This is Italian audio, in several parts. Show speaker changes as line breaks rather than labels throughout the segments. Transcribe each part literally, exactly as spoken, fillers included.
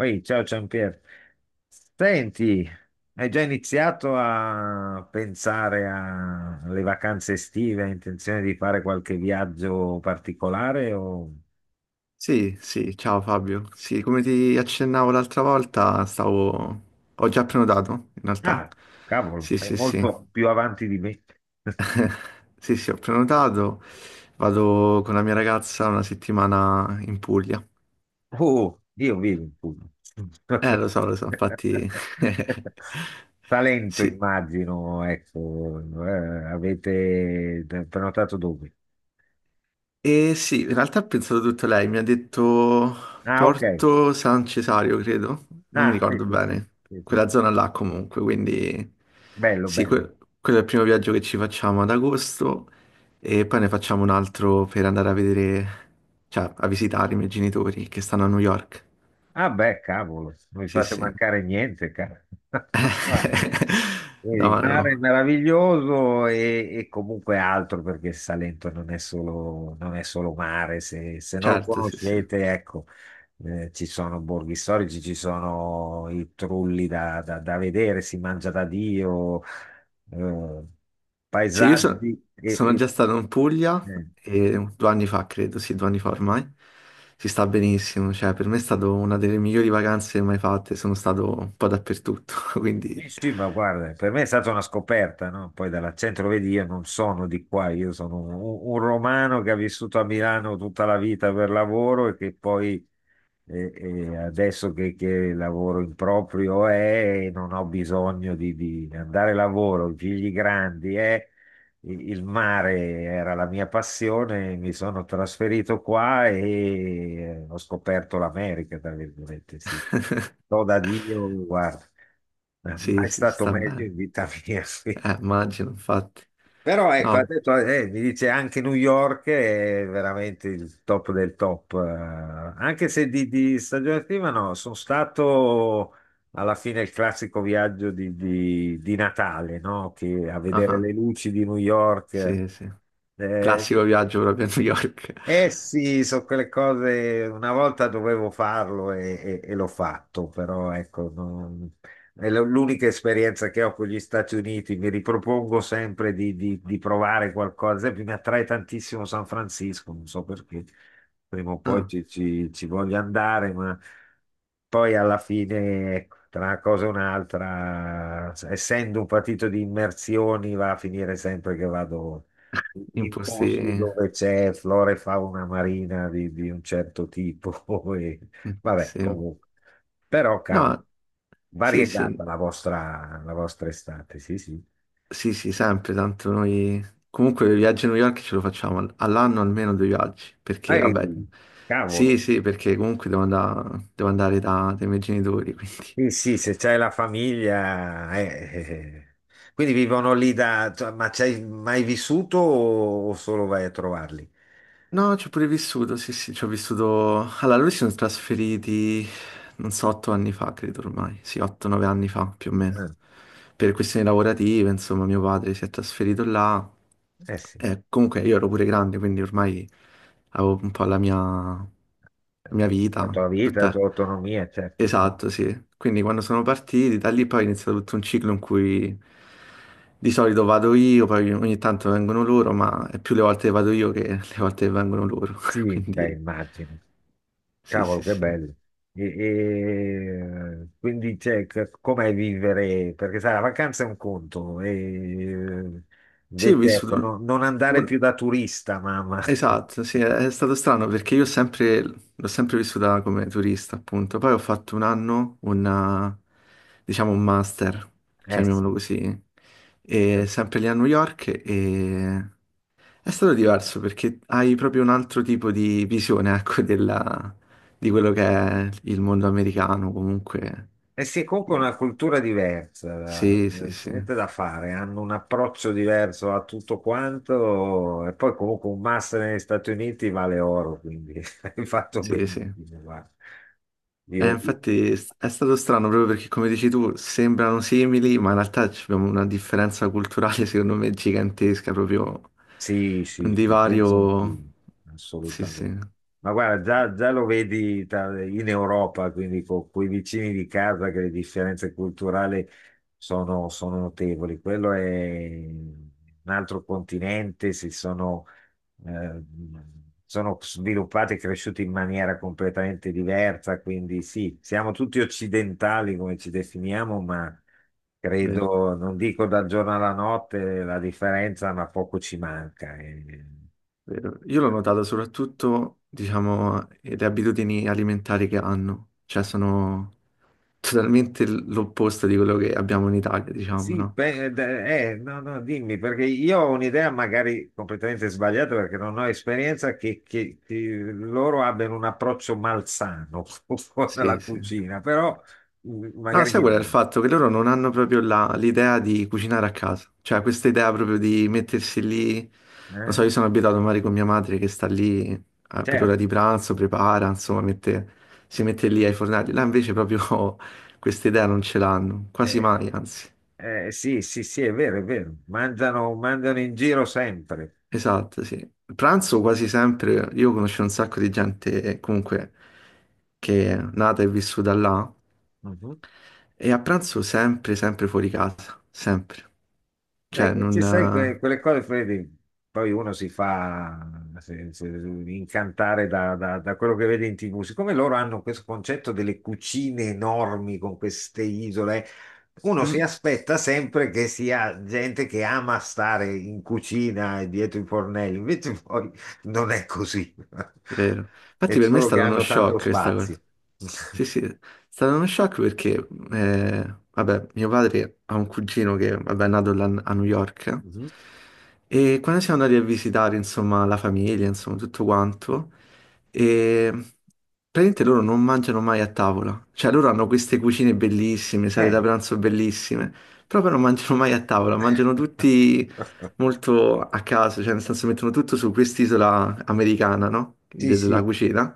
Oi, ciao Giampier. Senti, hai già iniziato a pensare a- alle vacanze estive? Hai intenzione di fare qualche viaggio particolare? o-
Sì, sì, ciao Fabio. Sì, come ti accennavo l'altra volta, stavo... ho già prenotato, in realtà.
Ah, cavolo,
Sì,
sei
sì, sì.
molto più avanti di me.
Sì, sì, ho prenotato. Vado con la mia ragazza una settimana in Puglia.
Oh, io vivo in Puglia.
Eh, lo so, lo so, infatti.
Talento,
Sì,
immagino, ecco. Eh, avete prenotato dove?
E sì, in realtà ha pensato tutto lei, mi ha detto
Ah, ok.
Porto San Cesario, credo, non mi
Ah, sì,
ricordo
sì, sì,
bene,
sì, sì.
quella zona là comunque, quindi
Bello,
sì,
bello.
que- quello è il primo viaggio che ci facciamo ad agosto e poi ne facciamo un altro per andare a vedere, cioè a visitare i miei genitori che stanno a New York.
Ah beh, cavolo, non mi
Sì,
fate
sì.
mancare niente, cara. Vedi, il
No, no,
mare è meraviglioso e, e comunque altro perché il Salento non è solo, non è solo mare, se, se non lo
certo, sì, sì.
conoscete, ecco, eh, ci sono borghi storici, ci sono i trulli da, da- da vedere, si mangia da Dio, eh,
Sì, io so-
paesaggi e,
sono
e-
già stato in Puglia
eh.
e due anni fa, credo, sì, due anni fa ormai. Si sta benissimo, cioè per me è stata una delle migliori vacanze mai fatte, sono stato un po' dappertutto, quindi
Sì, sì, ma guarda, per me è stata una scoperta, no? Poi dall'accento lo vedi, io non sono di qua, io sono un, un romano che ha vissuto a Milano tutta la vita per lavoro e che poi e, e adesso che, che lavoro in proprio è, non ho bisogno di, di andare a lavoro, i figli grandi è, il il mare era la mia passione, mi sono trasferito qua e eh, ho scoperto l'America, tra virgolette, sì. Do da Dio, guarda,
sì,
mai
sì,
stato
sta
meglio
bene.
in vita mia.
Eh, immagino, infatti.
Però ecco, ha
No,
detto, eh, mi dice anche New York è veramente il top del top, eh, anche se di, di stagione attiva no, sono stato alla fine il classico viaggio di, di- di Natale, no? Che a vedere
ah,
le luci di New York,
sì, sì.
eh,
Classico viaggio proprio a New York.
eh sì, sono quelle cose, una volta dovevo farlo e, e- e l'ho fatto, però ecco, non- è l- l'unica esperienza che ho con gli Stati Uniti, mi ripropongo sempre di, di- di provare qualcosa, ad esempio mi attrae tantissimo San Francisco, non so perché, prima o poi
Ah,
ci, ci- ci voglio andare, ma poi alla fine, ecco, tra una cosa e un'altra, essendo un partito di immersioni, va a finire sempre che vado
in
in posti
posti.
dove c'è flora e fauna marina di, di un certo tipo. E, vabbè,
Sì.
comunque. Però, cavolo,
No, sì, sì.
variegata la vostra, la vostra estate, sì, sì.
Sì, sì, sempre, tanto noi. Comunque i viaggi a New York ce lo facciamo al- all'anno almeno due viaggi, perché vabbè.
Ehi,
Sì,
cavolo.
sì, perché comunque devo andare, devo andare da- dai miei genitori, quindi.
Sì, sì, se c'è la famiglia... eh, eh. Quindi vivono lì da... cioè, ma c'hai mai vissuto o o solo vai a trovarli?
No, ci ho pure vissuto, sì, sì, ci ho vissuto. Allora, lui si sono trasferiti, non so, otto anni fa, credo ormai. Sì, otto, nove anni fa, più o meno.
Eh,
Per questioni lavorative, insomma, mio padre si è trasferito là.
eh sì,
E comunque io ero pure grande, quindi ormai avevo un po' la mia, la mia
la
vita,
tua vita, la tua
tutta.
autonomia, certo.
Esatto, sì. Quindi quando sono partiti, da lì poi è iniziato tutto un ciclo in cui di solito vado io, poi ogni tanto vengono loro, ma è più le volte che vado io che le volte che vengono loro.
Sì, beh,
Quindi
immagino.
sì,
Cavolo,
sì,
che
sì.
bello. E, e, quindi, cioè, c- com'è vivere? Perché sai, la vacanza è un conto, e,
Sì, ho
invece, ecco, no-
vissuto
non andare
un.
più da turista, mamma.
Esatto, sì, è stato strano perché io ho sempre... l'ho sempre vissuta come turista, appunto. Poi ho fatto un anno, una... diciamo un master,
Eh sì,
chiamiamolo così, e sempre lì a New York e. È stato diverso perché hai proprio un altro tipo di visione, ecco, della- di quello che è il mondo americano, comunque.
eh sì, comunque è una cultura diversa,
Sì, sì,
eh,
sì,
niente da fare, hanno un approccio diverso a tutto quanto e poi comunque un master negli Stati Uniti vale oro, quindi hai fatto
sì, sì.
benissimo, guarda.
Eh,
Io,
infatti s- è stato strano proprio perché, come dici tu, sembrano simili, ma in realtà ci abbiamo una differenza culturale, secondo me, gigantesca, proprio
sì,
un
sì, sì, pensa un
divario.
film,
Sì, sì,
assolutamente. Ma guarda, già, già lo vedi tra- in Europa, quindi con quei vicini di casa che le differenze culturali sono, sono notevoli. Quello è un altro continente, si sono, eh, sono sviluppati e cresciuti in maniera completamente diversa, quindi sì, siamo tutti occidentali come ci definiamo, ma
vero,
credo, non dico dal giorno alla notte la differenza, ma poco ci manca. Eh.
vero. Io l'ho notato soprattutto, diciamo, le abitudini alimentari che hanno, cioè sono totalmente l- l'opposto di quello che abbiamo in Italia, diciamo,
Sì,
no?
beh, d- eh, no, no, dimmi, perché io ho un'idea magari completamente sbagliata perché non ho esperienza che, che- che loro abbiano un approccio malsano con la
Sì, sì.
cucina, però mm,
No,
magari
sai
mi
qual è il
sbaglio,
fatto? Che loro non hanno proprio la- l'idea di cucinare a casa, cioè questa idea proprio di mettersi lì, non so,
eh?
io sono abituato magari con mia madre che sta lì eh, per l'ora
Certo,
di pranzo, prepara, insomma, mette- si mette lì ai fornelli, là invece proprio questa idea non ce l'hanno, quasi
eh,
mai, anzi.
eh, sì, sì, sì, è vero, è vero, mangiano, mangiano in giro sempre.
Esatto, sì. Il pranzo quasi sempre, io conosco un sacco di gente eh, comunque che è nata e vissuta là
Mhm.
E a pranzo sempre, sempre fuori casa, sempre.
E
Cioè,
invece, sai, que-
non.
quelle cose, Freddy, poi uno si fa se- se- incantare da, da- da quello che vede in T V. Siccome loro hanno questo concetto delle cucine enormi con queste isole,
Eh,
uno si
mm.
aspetta sempre che sia gente che ama stare in cucina e dietro i fornelli, invece poi non è così.
Vero. Infatti
È
per me è
solo che
stato uno
hanno tanto
shock questa cosa.
spazio.
Sì, sì, è stato uno shock perché, eh, vabbè, mio padre ha un cugino che, vabbè, è nato là a New York
Mhm.
e quando siamo andati a visitare, insomma, la famiglia, insomma, tutto quanto, e praticamente loro non mangiano mai a tavola. Cioè, loro hanno queste cucine bellissime, sale da
Eh.
pranzo bellissime, però poi non mangiano mai a tavola, mangiano tutti molto a caso, cioè nel senso mettono tutto su quest'isola americana, no?
Sì,
De- della
sì.
cucina,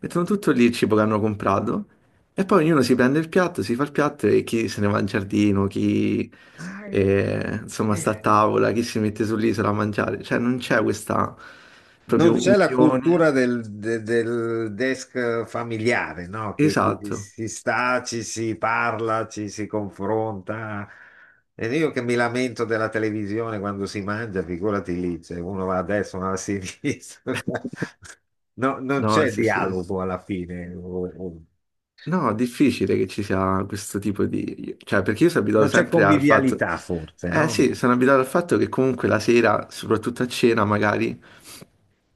mettono tutto lì il cibo che hanno comprato e poi ognuno si prende il piatto, si fa il piatto e chi se ne va in giardino, chi
Ah, eh,
eh, insomma
eh
sta a
sì.
tavola, chi si mette sull'isola a mangiare, cioè non c'è questa
Non
proprio
c'è la
unione.
cultura del, de- del desk familiare, no? Che, che ci
Esatto.
si sta, ci si parla, ci si confronta. Ed io che mi lamento della televisione quando si mangia, figurati lì, cioè uno va a destra, uno va a sinistra. No, non
No,
c'è
sì, sì.
dialogo alla fine, o- o-
No, è difficile che ci sia questo tipo di. Cioè, perché io sono
non
abituato
c'è
sempre al fatto.
convivialità forse,
Eh
no?
sì, sono abituato al fatto che comunque la sera, soprattutto a cena magari,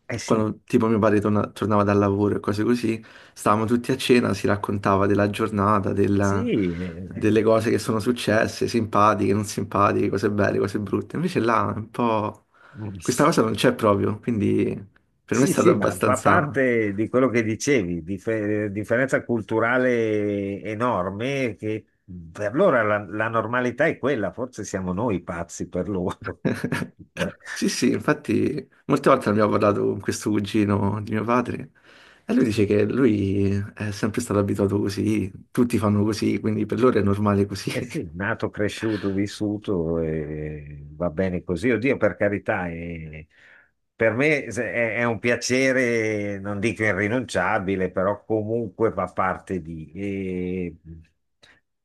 Eh sì,
quando tipo mio padre torna- tornava dal lavoro e cose così, stavamo tutti a cena, si raccontava della giornata,
sì.
della-
Eh,
delle cose che sono successe, simpatiche, non simpatiche, cose belle, cose brutte. Invece là è un po'. Questa
eh.
cosa non c'è proprio, quindi per me è
Sì,
stato
sì, ma fa
abbastanza.
parte di quello che dicevi, dif- differenza culturale enorme che per loro la, la normalità è quella, forse siamo noi pazzi per loro.
Sì, sì, infatti molte volte abbiamo parlato con questo cugino di mio padre e lui dice che lui è sempre stato abituato così, tutti fanno così, quindi per loro è normale così.
Eh sì, nato, cresciuto, vissuto, e va bene così. Oddio, per carità, eh, per me se- è, è un piacere, non dico irrinunciabile, però comunque fa parte di... E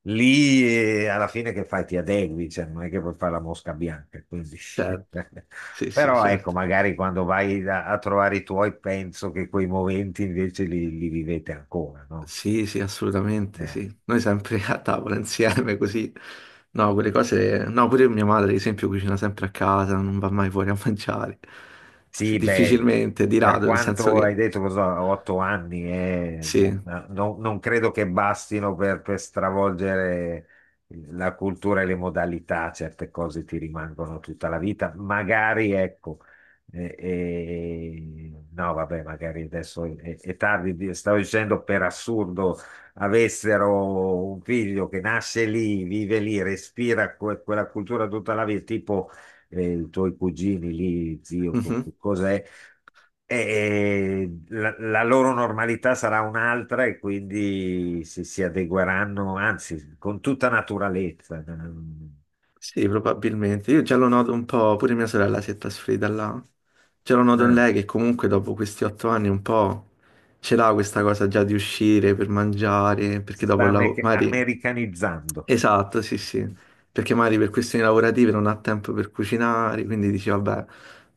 lì eh, alla fine che fai? Ti adegui, cioè, non è che puoi fare la mosca bianca. Quindi.
Certo, sì, sì,
Però ecco,
certo.
magari quando vai a, a trovare i tuoi, penso che quei momenti invece li, li vivete ancora, no?
Sì, sì, assolutamente,
Eh.
sì. Noi sempre a tavola insieme così. No, quelle cose. No, pure mia madre, ad esempio, cucina sempre a casa, non va mai fuori a mangiare. Sì,
Sì, beh,
difficilmente, di
per
rado, nel senso
quanto hai
che.
detto, cosa, otto anni, eh,
Sì.
no- non, non credo che bastino per, per stravolgere la cultura e le modalità, certe cose ti rimangono tutta la vita. Magari, ecco, eh, eh, no, vabbè, magari adesso è, è tardi, di- stavo dicendo per assurdo avessero un figlio che nasce lì, vive lì, respira que- quella cultura tutta la vita, tipo eh, i tuoi cugini lì, zio, co-
Mhm.
co- cos'è? E la, la loro normalità sarà un'altra e quindi si, si adegueranno, anzi, con tutta naturalezza. Mm,
Sì, probabilmente. Io già lo noto un po', pure mia sorella si è trasferita là. Già lo noto in
no,
lei che comunque dopo questi otto anni un po' ce l'ha questa cosa già di uscire per mangiare,
si
perché
sta
dopo il
ame-
lavoro. Magari.
americanizzando.
Esatto, sì, sì. Perché magari per questioni lavorative non ha tempo per cucinare, quindi dici, vabbè,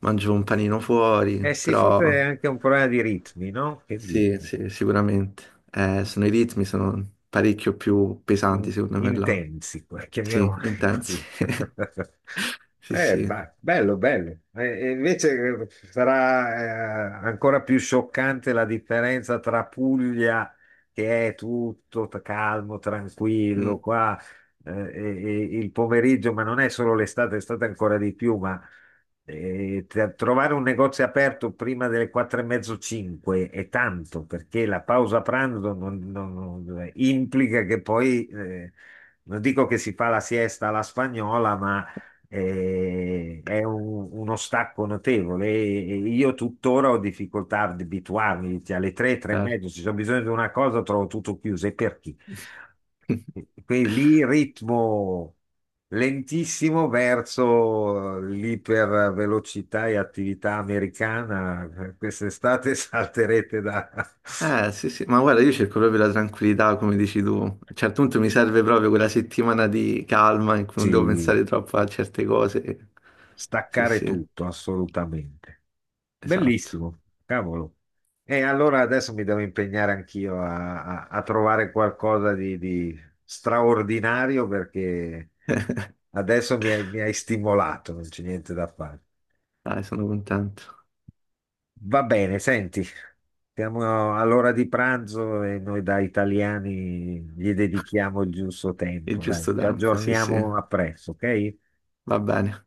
mangio un panino fuori,
Eh sì, forse è
però.
anche un problema di ritmi, no? Che dici?
Sì, sì, sicuramente. Eh, sono i ritmi, sono parecchio più
in-
pesanti, secondo me, là.
intensi, chiamiamoli
Sì, intensi.
così.
Sì,
Eh,
sì.
ba- bello, bello. E- e invece eh, sarà eh, ancora più scioccante la differenza tra Puglia, che è tutto t- calmo, tranquillo,
Mm,
qua eh, e- e il pomeriggio, ma non è solo l'estate, l'estate è ancora di più, e t- trovare un negozio aperto prima delle quattro e mezzo, cinque è tanto perché la pausa pranzo non- non- non- implica che poi, eh, non dico che si fa la siesta alla spagnola, ma eh, è un- uno stacco notevole. E- e io tuttora ho difficoltà ad abituarmi, cioè alle tre, tre e
certo.
mezzo, se c'è bisogno di una cosa trovo tutto chiuso. E per chi? Quindi lì ritmo lentissimo verso eh, l'ipervelocità e attività americana. Quest'estate salterete da
Eh, sì, sì, ma guarda, io cerco proprio la tranquillità, come dici tu. A un certo punto mi serve proprio quella settimana di calma in cui non
sì,
devo pensare troppo a certe cose. Sì,
staccare
sì,
tutto, assolutamente.
esatto.
Bellissimo, cavolo. E allora adesso mi devo impegnare anch'io a, a- a trovare qualcosa di, di straordinario perché adesso mi hai mi hai stimolato, non c'è niente da fare.
Dai, sono contento.
Va bene, senti. Siamo all'ora di pranzo e noi da italiani gli dedichiamo il giusto
Il
tempo, dai.
giusto
Ci
tempo, sì, sì.
aggiorniamo a presto, ok?
Va bene.